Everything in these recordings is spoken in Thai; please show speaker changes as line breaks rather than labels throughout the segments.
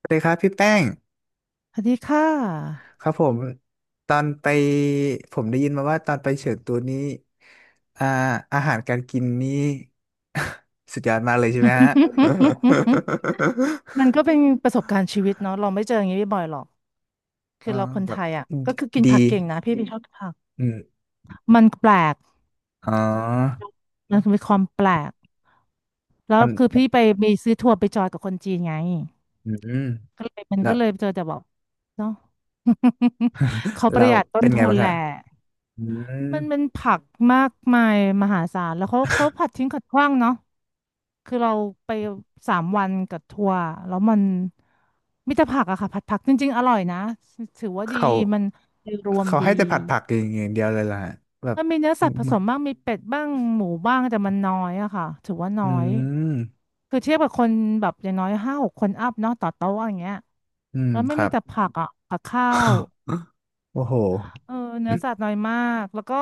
สวัสดีครับพี่แป้ง
สวัสดีค่ะ
ครับผมตอนไปผมได้ยินมาว่าตอนไปเฉิงตูนี้อ่าอาหารการกินนี่สุดยอดมากเลยใช่ไหมฮะ
มันก็เป็นประสบการณ์ชีวิตเนาะเราไม่เจออย่างนี้บ่อยๆหรอก คือ
อ่า
เราคน
แบ
ไท
บ
ยอ่ะก็คือกิน
ดี
ผักเก่งนะพี่ชอบกินผัก
อืม
มันแปลก
อ๋อ
มันมีความแปลก แล้
มั
ว
น
คือพี่ไปมีซื้อทัวร์ไปจอยกับคนจีนไง
อืม
ก็เลยมัน
แล้ว
ก็เลยเจอแต่แบอกเนาะ เขาป
เรา
ระหยัดต้
เป็
น
นไง
ทุน
บ้าง
แห
คะ
ละ
อืม
มันเป็นผักมากมายมหาศาลแล้วเขาผัดทิ้งขัดขว้างเนาะ คือเราไป3 วันกับทัวร์แล้วมันมิตรผักอะค่ะผัดผักจริงๆอร่อยนะถือว่าดี
เขา
มันโดยรวม
เขา
ดี
ให้แต่ผัดผักอย่างอย่างเดียวเลยล่ะแบบ
มันมีเนื้อ
อื
สัตว์ผ
ม
สมบ้างมีเป็ดบ้างหมูบ้างแต่มันน้อยอะค่ะถือว่าน้อยคือเทียบกับคนแบบอย่างน้อยห้าหกคนอัพเนาะต่อโต๊ะอย่างเงี้ย
อืม
แล้ว
ค
ไม่
รั
มี
บ
แต่ผักอะกับข้าว
โอ้โห
เออเนื้อสัตว์น้อยมากแล้วก็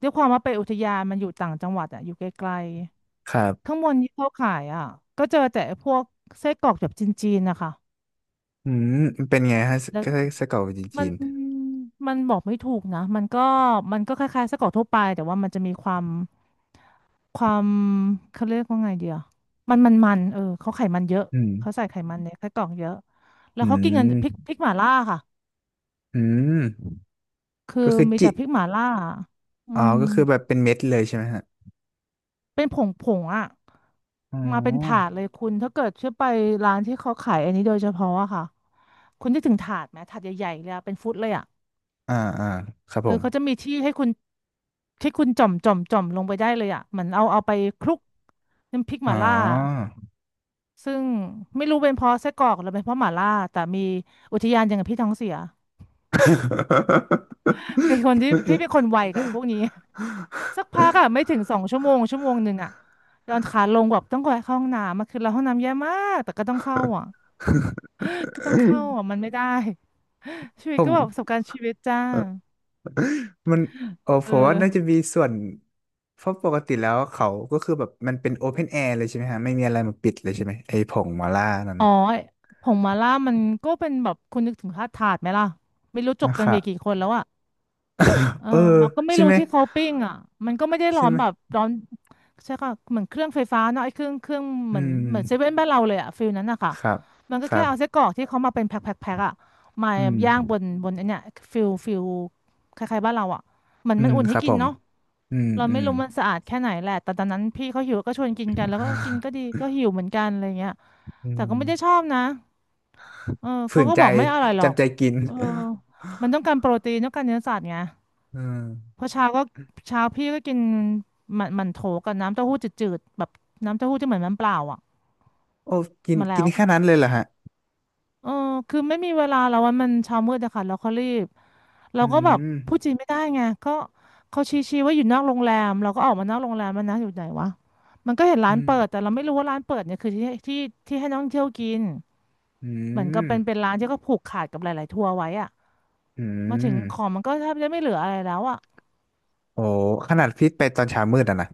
ด้วยความว่าไปอุทยานมันอยู่ต่างจังหวัดอะอยู่ไกล
ครั
ข้า
บ
งบนที่เขาขายอ่ะก็เจอแต่พวกไส้กรอกแบบจีนๆนะคะ
อืมมันเป็นไงฮะ
แล้ว
ก็ไส้กรอกจีน
มั
จี
น
น
มันบอกไม่ถูกนะมันก็คล้ายๆไส้กรอกทั่วไปแต่ว่ามันจะมีความความเขาเรียกว่าไงเดียวมันมันมันเออเขาไขมันเยอะ
อืม
เขาใส่ไขมันในไส้กรอกเยอะแล้
อื
วเขากินกันพริกพริ
ม
กหม่าล่าค่ะ
อืม
คือ
ก็คือ
มี
จิ
แต่พริกหม่าล่าอื
อ๋อ
ม
ก็คือแบบเป็นเม็ดเลยใช่ไหมฮะ
เป็นผงอ่ะ
อ๋
มาเป็นถา
อ
ดเลยคุณถ้าเกิดเชื่อไปร้านที่เขาขายอันนี้โดยเฉพาะอะค่ะ คุณนึกถึงถาดไหมถาดใหญ่ๆเลยอะเป็นฟุตเลยอะ
อ่าอ่าครับ
เอ
ผ
อ
ม
เขาจะมีที่ให้คุณที่คุณจ่อมจ่อมจ่อมลงไปได้เลยอะเหมือนเอาไปคลุกน้ำพริกห
อ๋อ
ม่าล่าซึ่งไม่รู้เป็นเพราะไส้กรอกหรือเป็นเพราะหม่าล่าแต่มีอุทยานอย่างกับพี่ท้องเสียเป็นคนที่พี่เป็นคนไวกับไอ้พวกนี้ สักพักอะไม่ถึง2 ชั่วโมง1 ชั่วโมงอะเดินขาลงแบบต้องไปเข้าห้องน้ำมาคือเราห้องน้ำแย่มากแต่ก็ต้องเข้าอะ ก็ต้องเข้าอะมันไม่ได้ชีวิ
ผ
ตก็
ม
แบบประสบการณ์ชีวิตจ้า
มันโอ้
เอ
ผมว่า
อ
น่าจะมีส่วนเพราะปกติแล้วเขาก็คือแบบมันเป็นโอเพนแอร์เลยใช่ไหมฮะไม่มีอะไรมาปิดเลยใช่ไหมไอ้ผงมาล่านั่น
อ๋อผงมาล่ามันก็เป็นแบบคุณนึกถึงธาตุถาดไหมล่ะไม่รู้จก
นะ
กั
ค
นไป
รับ
กี่คนแล้วอ่ะเออ
เออ
แล้วก็ไม่
ใช่
รู้
ไหม
ที่เขาปิ้งอ่ะมันก็ไม่ได้ร้
ใช่
อน
ไหม
แบบร้อนใช่ค่ะ เหมือนเครื่องไฟฟ้าเนาะไอ้เครื่องเห
อื
มือนเหมือนเซ
ม
เว่นบ้านเราเลยอ่ะฟิลนั้นอะค่ะ
ครับ
มันก็
ครั
แค่
บ
เอาไส้กรอกที่เขามาเป็นแพ็คแพ็คแพ็คอะมา
อืม
ย่างบนไอันเนี้ยฟิลคล้ายๆบ้านเราอ่ะเหมือน
อื
มัน
ม
อุ่น
ค
ให้
รับ
กิ
ผ
น
ม
เนาะ
อืม
เรา
อื
ไม่
ม
รู้มันสะอาดแค่ไหนแหละแต่ตอนนั้นพี่เขาหิวก็ชวนกินกันแล้วก็กินก็ดีก็หิวเหมือนกันอะไรเงี้ย
อื
แต่ก็ไม่ได้ชอ
ม
บนะ เออ
ฝื
เขา
น
ก็
ใจ
บอกไม่อร่อยหรอก
จำใจกิน
เออ มันต้องการโปรตีนต้องการเนื้อสัตว์ไง
อืม
เพราะเช้าพี่ก็กินหมันโถกับน้ำเต้าหู้จืดๆแบบน้ำเต้าหู้ที่เหมือนน้ำเปล่าอ่ะ
โอ้กิน
มา
กิ
แล้
น
ว
แค่นั้นเลยเหรอฮะ
เออคือไม่มีเวลาแล้ววันมันเช้ามืดอะค่ะแล้วเขารีบเรา
อื
ก็แบบพูด
ม
จีนไม่ได้ไงก็เขาชี้ๆว่าอยู่นอกโรงแรมเราก็ออกมานอกโรงแรมมันนะอยู่ไหนวะมันก็เห็นร้า
อื
น
ม
เปิดแต่เราไม่รู้ว่าร้านเปิดเนี่ยคือที่ที่ให้นักท่องเที่ยวกิน
อื
เหมือนก็
ม
เป็นร้านที่เขาผูกขาดกับหลายๆทัวร์ไว้อ่ะ
อื
มาถึงของ
ม
มันก็แทบจะไม่เหลืออะไรแล้วอ่ะ
โอ้ขนาดพี่ไปตอนเช้ามืดอะนะ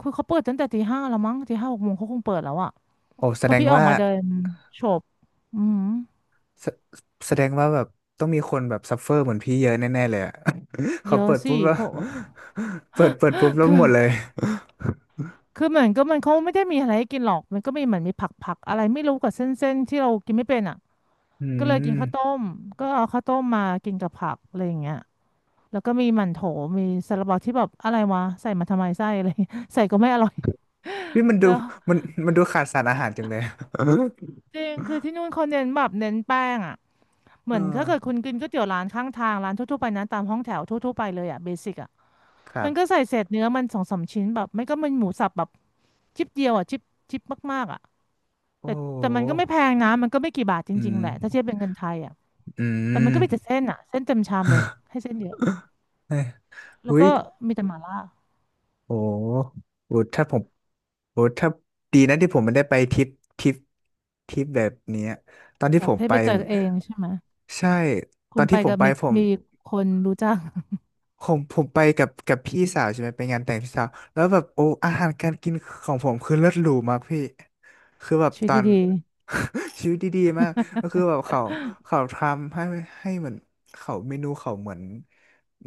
คือเขาเปิดตั้งแต่ตีห้าแล้วมั้งตีห้าหกโมงเขาคงเปิดแล้วอ่ะ
โอ้แส
พอ
ดง
พี่ออก
ว่า
มาเดินโบอืม
แสแสดงว่าแบบต้องมีคนแบบซัฟเฟอร์เหมือนพี่เยอะแน่ๆเลยอะ
เย
เขา
อะ
เปิด
สิ
ปุ๊บแล้ว
เพราะ
เปิดเปิดปุ๊บ แล้ว
คื
ห
อ
มดเลย
คือเหมือนก็มันเขาไม่ได้มีอะไรให้กินหรอกมันก็มีเหมือนมีผักผักอะไรไม่รู้กับเส้นเส้นที่เรากินไม่เป็นอ่ะ
อื
ก็เลยกิน
ม
ข้าวต้มก็เอาข้าวต้มมากินกับผักอะไรอย่างเงี้ยแล้วก็มีหมั่นโถมีซาลาเปาที่แบบอะไรวะใส่มาทำไมไส้อะไร ใส่ก็ไม่อร่อย
พี่มัน ดู
แล้ว
มันดูขาดสารอาหารจังเลย
จริงคือที่นู่นเขาเน้นแบบเน้นแป้งอ่ะเห
เออ
มือนถ้าเกิดคุณกินก๋วยเตี๋ยวร้านข้างทางร้านทั่วๆไปนะตามห้องแถวทั่วๆไปเลยอ่ะเบสิกอ่ะ
ครั
มันก็
บ
ใส่เศษเนื้อมันสองสามชิ้นแบบไม่ก็มันหมูสับแบบชิปเดียวอ่ะชิปมากๆอ่ะ
โอ้
แต่
โ
แต่มันก็ไม่
ห
แพงนะมันก็ไม่กี่บาทจ
อื
ริง
ม
ๆแหละถ้าเทียบเป็นเงินไทยอ่ะ
อื
แต่มัน
ม
ก็มีแต่เส้นอ่ะเส้นเต็มชามเลยให้เส้นเยอะ
เฮ้ย
แล้
อุ้
ว
ย
ก็มีแต่หม่าล่า
โอ้โหโอ้ ถ้าผมโอ้ถ้าดีนะที่ผมไม่ได้ไปทริปทริปทริปแบบเนี้ยตอนที่
แบ
ผ
บ
ม
ให้
ไป
ไปเจอเองใช่ไหม
ใช่ ต
คุ
อ
ณ
น
ไป
ที่ผม
กับ
ไป
มี
ผม
มีคนรู้จัก
ผมไปกับกับพี่สาวใช่ไหมไปงานแต่งพี่สาวแล้วแบบโอ้อาหารการกินของผมคือเลิศหรูมากพี่คือแบบ
ชี
ต
วิต
อน
ดี
ชีวิตดีๆมากก็คือแบบเขาเขาทำให้ให้เหมือนเขาเมนูเขาเหมือน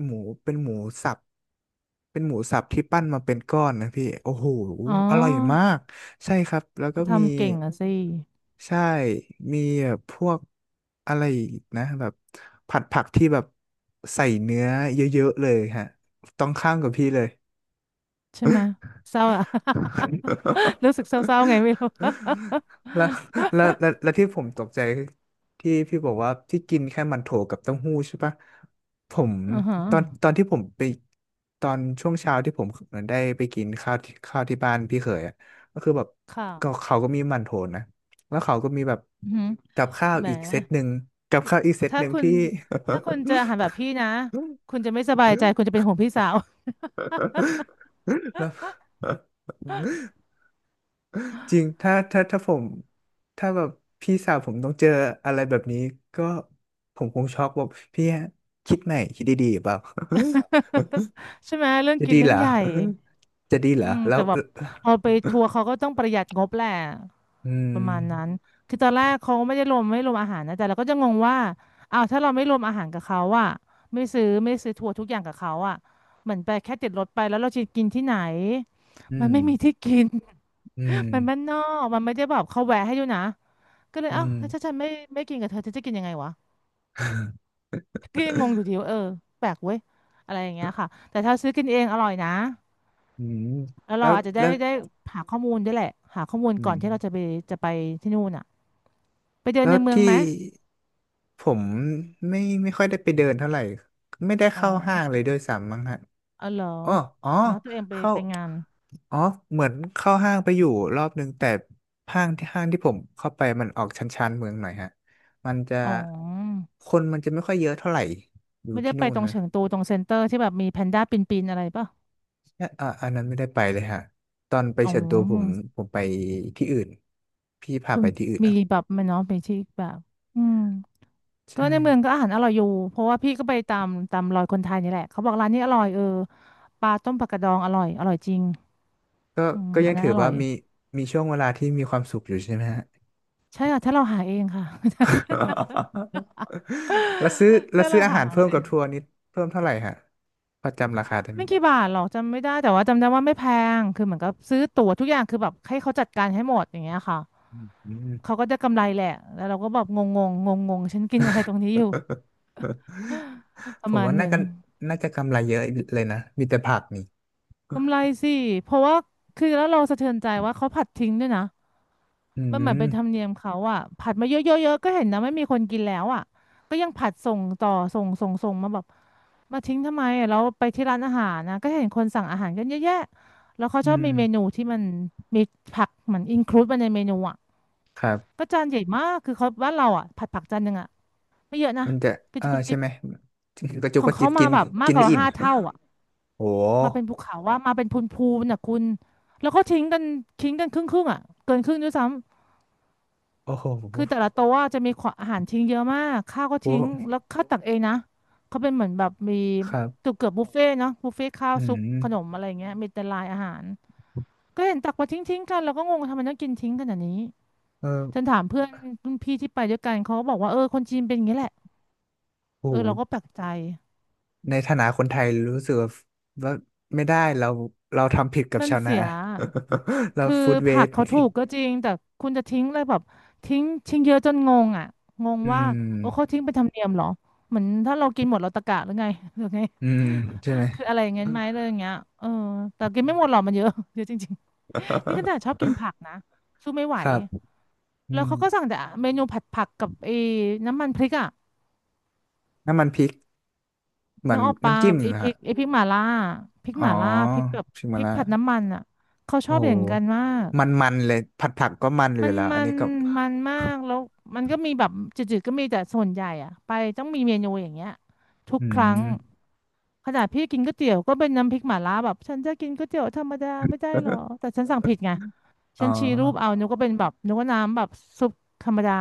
หมูเป็นหมูสับ เป็นหมูสับที่ปั้นมาเป็นก้อนนะพี่โอ้โห
ๆอ๋อ
อร่อยมากใช่ครับแล้วก็
เขา
มี
ทำเก่งอ่ะสิ
ใช่มีแบบพวกอะไรอีกนะแบบผัดผักที่แบบใส่เนื้อเยอะๆเลยฮะต้องข้ามกับพี่เลย
ใช่ไหมเศร้าอะ รู้สึกเศร้าๆไงไม่รู้
แล้ว แล้วแล้วแล้วที่ผมตกใจที่พี่บอกว่าที่กินแค่มันโถกับเต้าหู้ใช่ปะผม
อือฮะ
ตอนตอนที่ผมไปตอนช่วงเช้าที่ผมเหมือนได้ไปกินข้าวที่ข้าวที่บ้านพี่เขยอ่ะก็คือแบบ
ค่ะ
ก็เขาก็มีมันโถนะแล้วเขาก็มีแบบ
อือฮึ
กับข้าว
แหม
อีกเซตหนึ่งกับข้าวอีกเซต
ถ้า
หนึ่ง
คุณ
ที่
ถ้าคุณเจออา หารแบบพี่นะคุณจะไม่สบายใจคุณจะเป็นห่วงพี่สาว
แล้ จริงถ้าถ้า ถ้าผม ถ้าแบบ พี่สาวผมต้องเจออะไรแบบนี้ ก็ผมคงช็อกแบบพี่คิดใหม่คิดดีๆเปล่า
ใช่ไหมเรื่อง
จะ
กิ
ดี
นเรื่
เห
อ
ร
ง
อ
ใหญ่
จะดีเหร
อื
อ
ม
แล้ว
แต่แบบเอาไปทัวร์เขาก็ต้องประหยัดงบแหละ
อื
ป
ม
ระมาณนั้นคือตอนแรกเขาไม่ได้รวมไม่รวมอาหารนะแต่เราก็จะงงว่าอ้าวถ้าเราไม่รวมอาหารกับเขาอะไม่ซื้อไม่ซื้อทัวร์ทุกอย่างกับเขาอะเหมือนไปแค่ติดรถไปแล้วเราจะกินที่ไหน
อื
มัน
ม
ไม่มีที่กิน
อืม
มันบ้านนอกมันไม่ได้แบบเขาแวะให้ด้วยนะก็เลย
อื
เอ้าว
ม
ถ้าฉันไม่ไม่กินกับเธอเธอจะกินยังไงวะก็ยังงงอยู่ดีว่าเออแปลกเว้ยอะไรอย่างเงี้ยค่ะแต่ถ้าซื้อกินเองอร่อยนะ
อืม
แล้ว
แล้
เรา
ว
อาจจะได้
แล้ว
ได้หาข้อมูลด้วยแหละหาข้อมูล
อื
ก่อ
ม
นที่เราจะไปจะไปที่นู่นอะไปเดิน
แล้
ใน
ว
เมืองไหม
ที่ผมไม่ไม่ค่อยได้ไปเดินเท่าไหร่ไม่ได้
อ๋อ
เข้าห้างเลยด้วยซ้ำมั้งฮะ
อ๋อเหรอ
อ๋ออ๋อ
เนาะตัวเองไป
เข้า
ไปงาน
อ๋อเหมือนเข้าห้างไปอยู่รอบนึงแต่ห้างที่ห้างที่ผมเข้าไปมันออกชันชันเมืองหน่อยฮะมันจะ
อ๋อ
คนมันจะไม่ค่อยเยอะเท่าไหร่อยู่
ไม่ได้
ที่
ไป
นู่น
ตรง
นะ
เฉิงตูตรงเซ็นเตอร์ที่แบบมีแพนด้าปีนๆอะไรป่ะ
อ่ะอะอันนั้นไม่ได้ไปเลยฮะตอนไป
อ๋อ
เฉินตูผมผมไปที่อื่นพี่พา
คุ
ไป
ณ
ที่อื่น
มี
เอ่ะ
แบบไหมันเนาะไปที่แบบ อืมก็
ใช่
ในเมืองก็อาหารอร่อยอยู่ เพราะว่าพี่ก็ไปตามตามรอยคนไทยนี่แหละเขาบอกร้านนี้อร่อยเออ ปลาต้มปลากระดองอร่อยอร่อยจริง
ก็
อืม
ก็
อั
ยั
น
ง
นั้น
ถือ
อร่
ว่า
อย
มีมีช่วงเวลาที่มีความสุขอยู่ใช่ไหมฮะ
ใช่ค่ะถ้าเราหาเองค่ะ
แล้วซื้อ แล้ว
ถ้า
ซื้
เรา
ออา
หา
หาร
ของ
เพิ่
เรา
ม
เอ
กับทัว
ง
ร์นี้เพิ่มเท่าไหร่ฮะพอจำราคาได้ไหม
ไม่กี่บาทหรอกจำไม่ได้แต่ว่าจำได้ว่าไม่แพงคือเหมือนกับซื้อตั๋วทุกอย่างคือแบบให้เขาจัดการให้หมดอย่างเงี้ยค่ะ
อืม
เขาก็จะกำไรแหละแล้วเราก็แบบงงงงงงงๆฉันกินอะไรตรงนี้อยู่ ป
ผ
ระ
ม
มาณ
ว่า
ห
น่า
นึ่ง
กันน่าจะกำไรเยอะเลยนะมีแต่ผักนี่
กำไรสิ เพราะว่าคือแล้วเราสะเทือนใจว่าเขาผัดทิ้งด้วยนะ
อื
มันเหมือน
ม
เป็นธรรมเนียมเขาอะผัดมาเยอะๆๆก็เห็นนะไม่มีคนกินแล้วอะก็ยังผัดส่งต่อส่งมาแบบมาทิ้งทำไมอะแล้วไปที่ร้านอาหารนะก็เห็นคนสั่งอาหารกันเยอะแยะแล้วเขา
อื
ชอบมีเมนู
ม
ที่มันมีผักเหมือนอินคลูดมาในเมนูอะ
ครับ
ก็จานใหญ่มากคือเขาบ้านเราอะผัดผักจานหนึ่งอะไม่เยอะนะ
มันจะ
กระ
เออ
จิบกุบ
ใช่
จิบ
ไหมกระจุก
ข
ก
อง
ระจิ
เขา
บกิ
มา
น
แบบมา
กิ
ก
น
ก
ไม่
ว่า
อิ่ม
5 เท่าอะ
โอ้โห
มาเป็นภูเขาว่ามาเป็นพูนพูนน่ะคุณแล้วก็ทิ้งกันทิ้งกันครึ่งครึ่งอ่ะเกินครึ่งด้วยซ้ำ
โอ้โห
คือแต่ละโต๊ะอะจะมีขวอาหารทิ้งเยอะมากข้าวก็
โอ้
ทิ้
โห
งแล้วข้าวตักเองนะเขาเป็นเหมือนแบบมี
ครั
เกื
บ
อบเกือบบุฟเฟ่ต์เนาะบุฟเฟ่ต์ข้าว
อื
ซุป
ม
ขนมอะไรเงี้ยมีแต่ลายอาหารก็เห็นตักมาทิ้งทิ้งกันแล้วก็งงทำไมต้องกินทิ้งขนาดนี้
เออ
ฉันถามเพื่อนรุ่นพี่ที่ไปด้วยกันเขาก็บอกว่าเออคนจีนเป็นอย่างนี้แหละเอ
โอ้
อเราก็
โห
แปลกใจ
ในฐานะคนไทยรู้สึกว่าว่าไม่ได้เราเราทำผิดกับ
มัน
ชาวนา
เสีย
เรา
คือ
ฟู้ดเว
ผั
ส
ก
ต์
เขาถูกก็จริงแต่คุณจะทิ้งเลยแบบทิ้งทิ้งเยอะจนงงอ่ะงง
อื
ว่าโอ้เขา
ม
ทิ้งเป็นธรรมเนียมเหรอเหมือนถ้าเรากินหมดเราตะกะหรือไง หรือไง
อืมใช่ไหม
คืออะไรอย่างเงี้ยไหมเลยอย่างเงี้ยเออแต่กินไม่หมดหรอกมันเยอะ เยอะจริงๆนี่ขนาดชอบกินผักนะสู้ไม่ไหว
ครับอื
แล้ว
ม
เขาก็สั่งแต่เมนูผัดผักกับไอ้น้ำมันพริกอ่ะ
น้ำมันพริกเหมื
นึ
อ
ก
น
ออกปะ
น้ำจิ้ม
ไอ้
เหรอ
พริ
ฮะ
กไอ้พริกหม่าล่าพริก
อ๋อ
หม่าล่าพริกแบบ
ชิม
พ
มา
ริก
ละ
ผัดน้ำมันอ่ะเขาช
โอ้
อบ
โห
อย่างกันมาก
มันมันเลยผัดผักก็มันอ
มั
ยู่
น
แล้ว
มั
อัน
น
นี้ก็
มันมากแล้วมันก็มีแบบจืดๆก็มีแต่ส่วนใหญ่อะไปต้องมีเมนูอย่างเงี้ยทุก
อื
ครั้ง
ม
ขนาดพี่กินก๋วยเตี๋ยวก็เป็นน้ำพริกหม่าล่าแบบฉันจะกินก๋วยเตี๋ยวธรรมดาไม่ได้หรอแต่ฉันสั่งผิดไง
อ๋
ฉันชี้รูปเอา
อ
นึกว่าเป็นแบบนึกว่าน้ำแบบซุปธรรมดา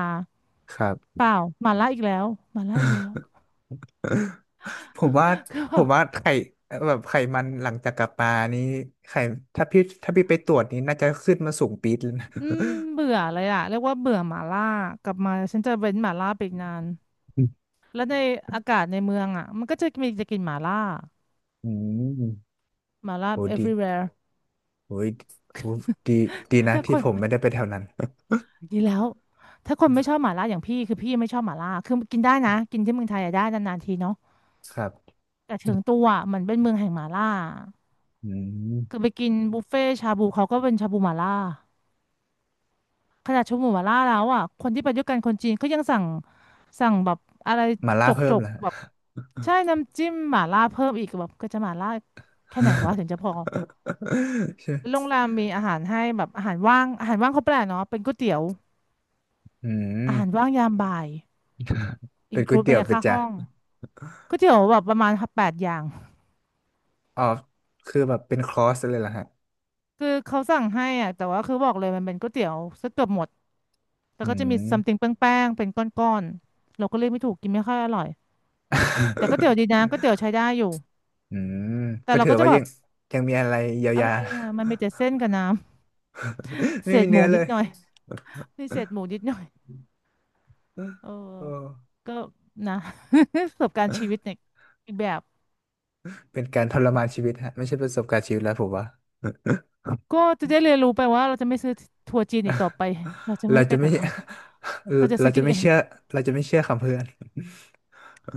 ครับ
เปล่าหม่าล่าอีกแล้วหม่าล่าอีกแล้ว
ผมว่า
ก็
ผ
แบ
มว่า
บ
ไข่แบบไขมันหลังจากกลับมานี้ไข่ถ้าพี่ถ้าพี่ไปตรวจนี้น่าจะขึ้นมาสูงปี๊ดเลยนะ
อืมเบื่อเลยอะเรียกว่าเบื่อหม่าล่ากลับมาฉันจะเว้นหม่าล่าไปอีกนานแล้วในอากาศในเมืองอะมันก็จะมีจะกินหม่าล่า
อืม
หมาล่า
โหดี
everywhere
โหยโหดีดีนะ
ถ้าค
ที่
น
ผมไม่ได้ไปแถวนั้น
ดีแล้วถ้าคนไม่ชอบหมาล่าอย่างพี่คือพี่ไม่ชอบหมาล่าคือกินได้นะกินที่เมืองไทยอะได้นานๆทีเนาะ
ครับ
แต่เชิงตัวอะมันเป็นเมืองแห่งหมาล่า
อื
คือ
ม
ไปกินบุฟเฟ่ชาบูเขาก็เป็นชาบูหมาล่าขนาดชาบูหมาล่าแล้วอ่ะคนที่ไปด้วยกันคนจีนเขายังสั่งแบบอะไร
มาล่า
จก
เพิ่
จ
ม
ก
แล้ว
แบบใช่น้ำจิ้มหมาล่าเพิ่มอีกแบบก็จะหมาล่าแค่ไหนวะถึงจะพอ โร
ใช่
งแรมมีอาหารให้แบบอาหารว่างอาหารว่างเขาแปลกเนาะเป็นก๋วยเตี๋ยว
อื
อาหาร
ม
ว่างยามบ่าย อิ
เป็
น
น
ค
ก๋ว
ลู
ย
ดไป
เตี๋ยว
ใน
เป็น
ค่า
จ้ะ
ห้องก๋วยเตี๋ยวแบบประมาณ8 อย่าง
อ๋อคือแบบเป็นคอร์สเลยเหรอฮะ
คือเขาสั่งให้อ่ะแต่ว่าคือบอกเลยมันเป็นก๋วยเตี๋ยวซะเกือบหมดแต่
อื
ก็จะมี
ม
ซัมติงแป้งๆ เป็นก้อนๆ เราก็เรียกไม่ถูกกินไม่ค่อยอร่อยแต่ก๋วยเตี๋ยวดีนะก๋วยเตี๋ยวใช้ได้อยู่
อืม
แต่
ก็
เรา
ถือ
ก็จะ
ว่า
แบ
ยั
บ
งยังมีอะไรเยียว
อะ
ยา
ไรอ่ะมันมีแต่เส้นกับน้ำ เศ
ไม่มี
ษห
เนื้
มู
อเล
นิด
ย
หน่อยมีเศษหมูนิดหน่อยเออ
โอ้
ก็นะ ประสบการณ์ชีวิตเนี่ยอีกแบบ
เป็นการทรมานชีวิตฮะไม่ใช่ประสบการณ์ชีวิตแล้วผมว่า
ก็จะได้เรียนรู้ไปว่าเราจะไม่ซื้อทัวร์จีนอีกต่อไปเราจะไม่
เรา
ไป
จะไม่
กับเขาเรา จะ
เรา
ซื้อ
จะ
กิน
ไม่
เอง
เชื่อเราจะไม่เชื่อคำเพื่อน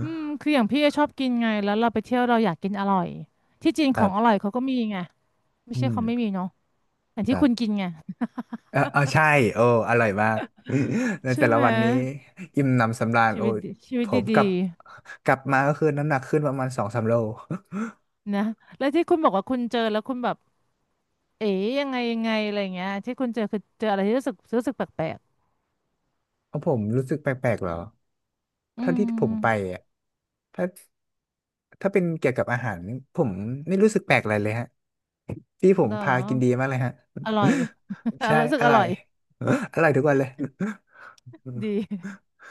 อืม คืออย่างพี่ชอบกินไงแล้วเราไปเที่ยวเราอยากกินอร่อยที่จีน
ค
ขอ
รั
งอร่อ
บ
ยเขาก็มีไงไม่
อื
ใช่เขาไม่
ม
มีเนาะอย่าง
ค
ที่
รั
คุณ
บ
กินไง
เออเออใช่โอ้อร่อยมาก ใน
ใช่
แต่ละ
ไหม
วันนี้อิ่มหนำสำราญ
ชี
โอ้
วิต
ย
ดีชีวิ
ผ
ต
มกลั
ดี
บกลับมาก็คือน้ำหนักขึ้นประมาณสองสามโล
ๆนะแล้วที่คุณบอกว่าคุณเจอแล้วคุณแบบเอ๋ยังไงอะไรเงี้ยที่คุณเจอคือเจออะไรที่รู้สึกแปลก
เพราะผมรู้สึกแปลกๆเหรอ
ๆอื
ถ้าที่ผ
ม
มไปอ่ะถ้าถ้าเป็นเกี่ยวกับอาหารผมไม่รู้สึกแปลกอะไรเลยฮะที่ผม
เหรอ
พากินดีมากเลยฮะ
อร่อย อ รอ
ใช่
ยรู้สึ
อ
กอ
ร่อ
ร่
ย
อย
อร่อยทุกวันเลย
ดี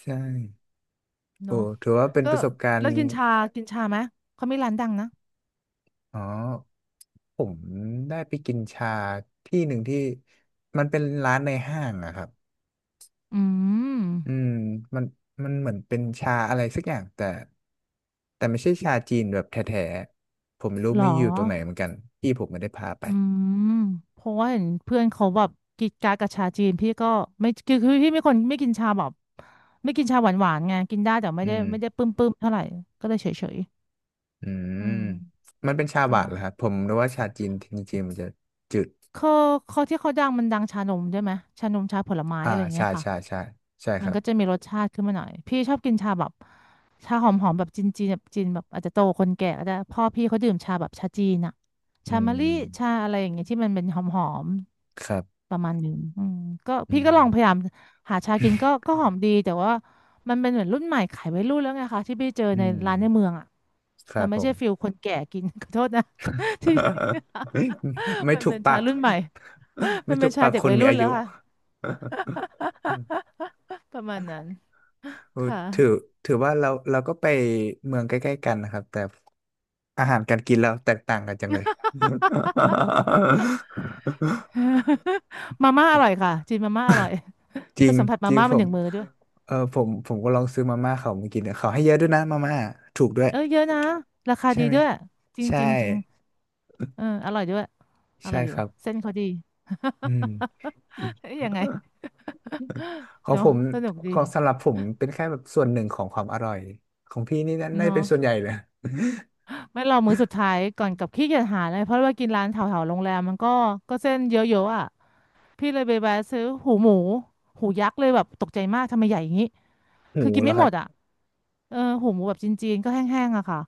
ใช่โอ้
เนาะ
ถือว่าเป็น
ก็
ประสบการ
แล้ว
ณ์
กินชาไหมเขามีร้านดังนะ
อ๋อผมได้ไปกินชาที่หนึ่งที่มันเป็นร้านในห้างอะครับ
อื
อื
ม
มมันมันเหมือนเป็นชาอะไรสักอย่างแต่แต่ไม่ใช่ชาจีนแบบแท้ๆผมไม่รู้
เหรอ
ไม่อยู่ตรงไหนเหมือนกันพี่ผมไม่ได้พาไป
อืมเพราะว่าเห็นเพื่อนเขาแบบกินกากกับชาจีนพี่ก็ไม่คือพี่ไม่คนไม่กินชาแบบไม่กินชาหวานหวานไงกินได้แต่ไม่
อื
ได้
ม
ไม่ได้ปึ้มปึ้มเท่าไหร่ก็เลยเฉยเฉย
อืม
อืม
มันเป็นชาหวาน
เนาะ
เหรอครับผมรู้ว่าชาจีนจริงๆมันจะจืด
เขาเขาที่เขาดังมันดังชานมใช่ไหมชานมชาผลไม้
อ่า
อะไรอย่างเงี้
ชา
ยค่ะ
ชาชาใช่
มั
ค
น
รับ
ก็จะมีรสชาติขึ้นมาหน่อยพี่ชอบกินชาแบบชาหอมหอมแบบจีนจีนแบบจีนแบบอาจจะโตคนแก่ก็ได้พ่อพี่เขาดื่มชาแบบชาจีนอะชา
อื
มะลิ
ม
ชาอะไรอย่างเงี้ยที่มันเป็นหอมหอม
ครับ
ประมาณหนึ่งอืมก็
อื
พี่
ม
ก็ลองพยายามหาชากินก็ ก็หอมดีแต่ว่ามันเป็นเหมือนรุ่นใหม่ขายวัยรุ่นแล้วไงคะที่พี่เจอ
อื
ใน
ม
ร้านในเมืองอ่ะ
ค
มั
รั
น
บ
ไม่
ผ
ใช่
ม
ฟิลคนแก่กิน ขอโทษนะที่
ไม่
มัน
ถูก
เป็น
ปา
ชา
ก
รุ่นใหม่ มั
ไม่
นเป็
ถู
น
ก
ชา
ปาก
เด็ก
คน
วัย
มี
รุ่น
อา
แล้
ยุ
วค่ะประมาณนั้น
เออ
ค่ะ
ถือถือว่าเราเราก็ไปเมืองใกล้ๆกันนะครับแต่อาหารการกินเราแตกต่างกันจังเลย
มาม่าอร่อยค่ะจีนมาม่าอร่อย
จริ
ไป
ง
สัมผัส
จ
มา
ริง
ม่า
ผ
มันห
ม
นึ่งมือด้วย
เออผมผมก็ลองซื้อมาม่าเขามากินเนี่ยเขาให้เยอะด้วยนะมาม่าถูกด้วย
เออเยอะนะราคา
ใช่
ดี
ไหม
ด้วยจริง
ใช่
จริงจริงเอออร่อยด้วยอ
ใช่
ร่อยอ
ค
ยู่
รับ
เส้นเขาดี
อืม อืม
ยังไง
ของ
เนาะ
ผม
สนุกดี
ของสำหรับผมเป็นแค่แบบส่วนหนึ่งของความอร่อยของพี่นี่น่าน่าจะ
เนาะ
เป็นส่วนใหญ่เลย
ไม่รอมื้อสุดท้ายก่อนกลับขี้เกียจหาเลยเพราะว่ากินร้านแถวๆโรงแรมมันก็เส้นเยอะๆอ่ะพี่เลยไปแวะซื้อหูหมูหูยักษ์เลยแบบตกใจมากทำไมใหญ่อย่างนี้
หู
คือกิน
แล้
ไม่
วค
หม
รั
ดอ่ะ
บ
เออหูหมูแบบจีนๆก็แห้งๆอะค่ะ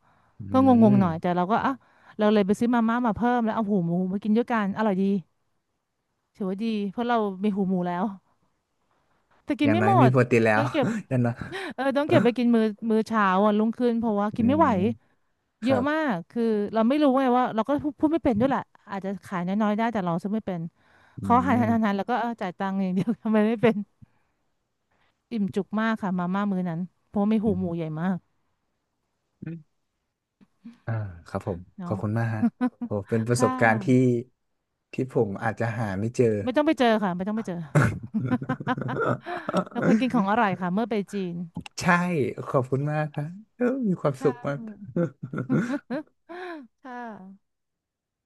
อื
ก็งงๆห
ม
น่อยแต่เราก็อ่ะเราเลยไปซื้อมาม่ามาเพิ่มแล้วเอาหูหมูมากินด้วยกันอร่อยดีถือว่าดีเพราะเรามีหูหมูแล้วแต่
อ
กิน
ย่าง
ไม่
น้อย
หม
มี
ด
โปรตีนแล้
ต้
ว
องเก็บ
อย่างน้อย
เออต้องเก็บไปกิน มื้อมื้อเช้าวันรุ่งขึ้นเพราะว่ากิ
อื
นไม่
ม
ไหว
ค
เย
รั
อะ
บ
มากคือเราไม่รู้ไงว่าเราก็พูดไม่เป็นด้วยแหละอาจจะขายน้อยๆได้แต่เราซื้อไม่เป็น
อื
เขาหาย
ม
นหนๆแล้วก็เออจ่ายตังค์อย่างเดียว ทำไมไม่เป็นอิ่มจุกมากค่ะมาม่ามื้อนั้นเพราะว่ามีหู
อ
หมูใหญ่มาก
มอ่าครับผมข
เนาะ
อบคุณมากฮะโอ้เป็นป ระส
ค่
บการณ์ที่
ะ
ที่ผมอาจจะหาไม่เจอ
ไม่ต้องไปเจอค่ะไม่ต้องไปเจอ แล้วคนกินของอร่อยค่ะเมื่อไปจีน
ใช่ ขอบคุณมากครับเออมีความสุ
ค่ะ
ขมาก
ค่ะ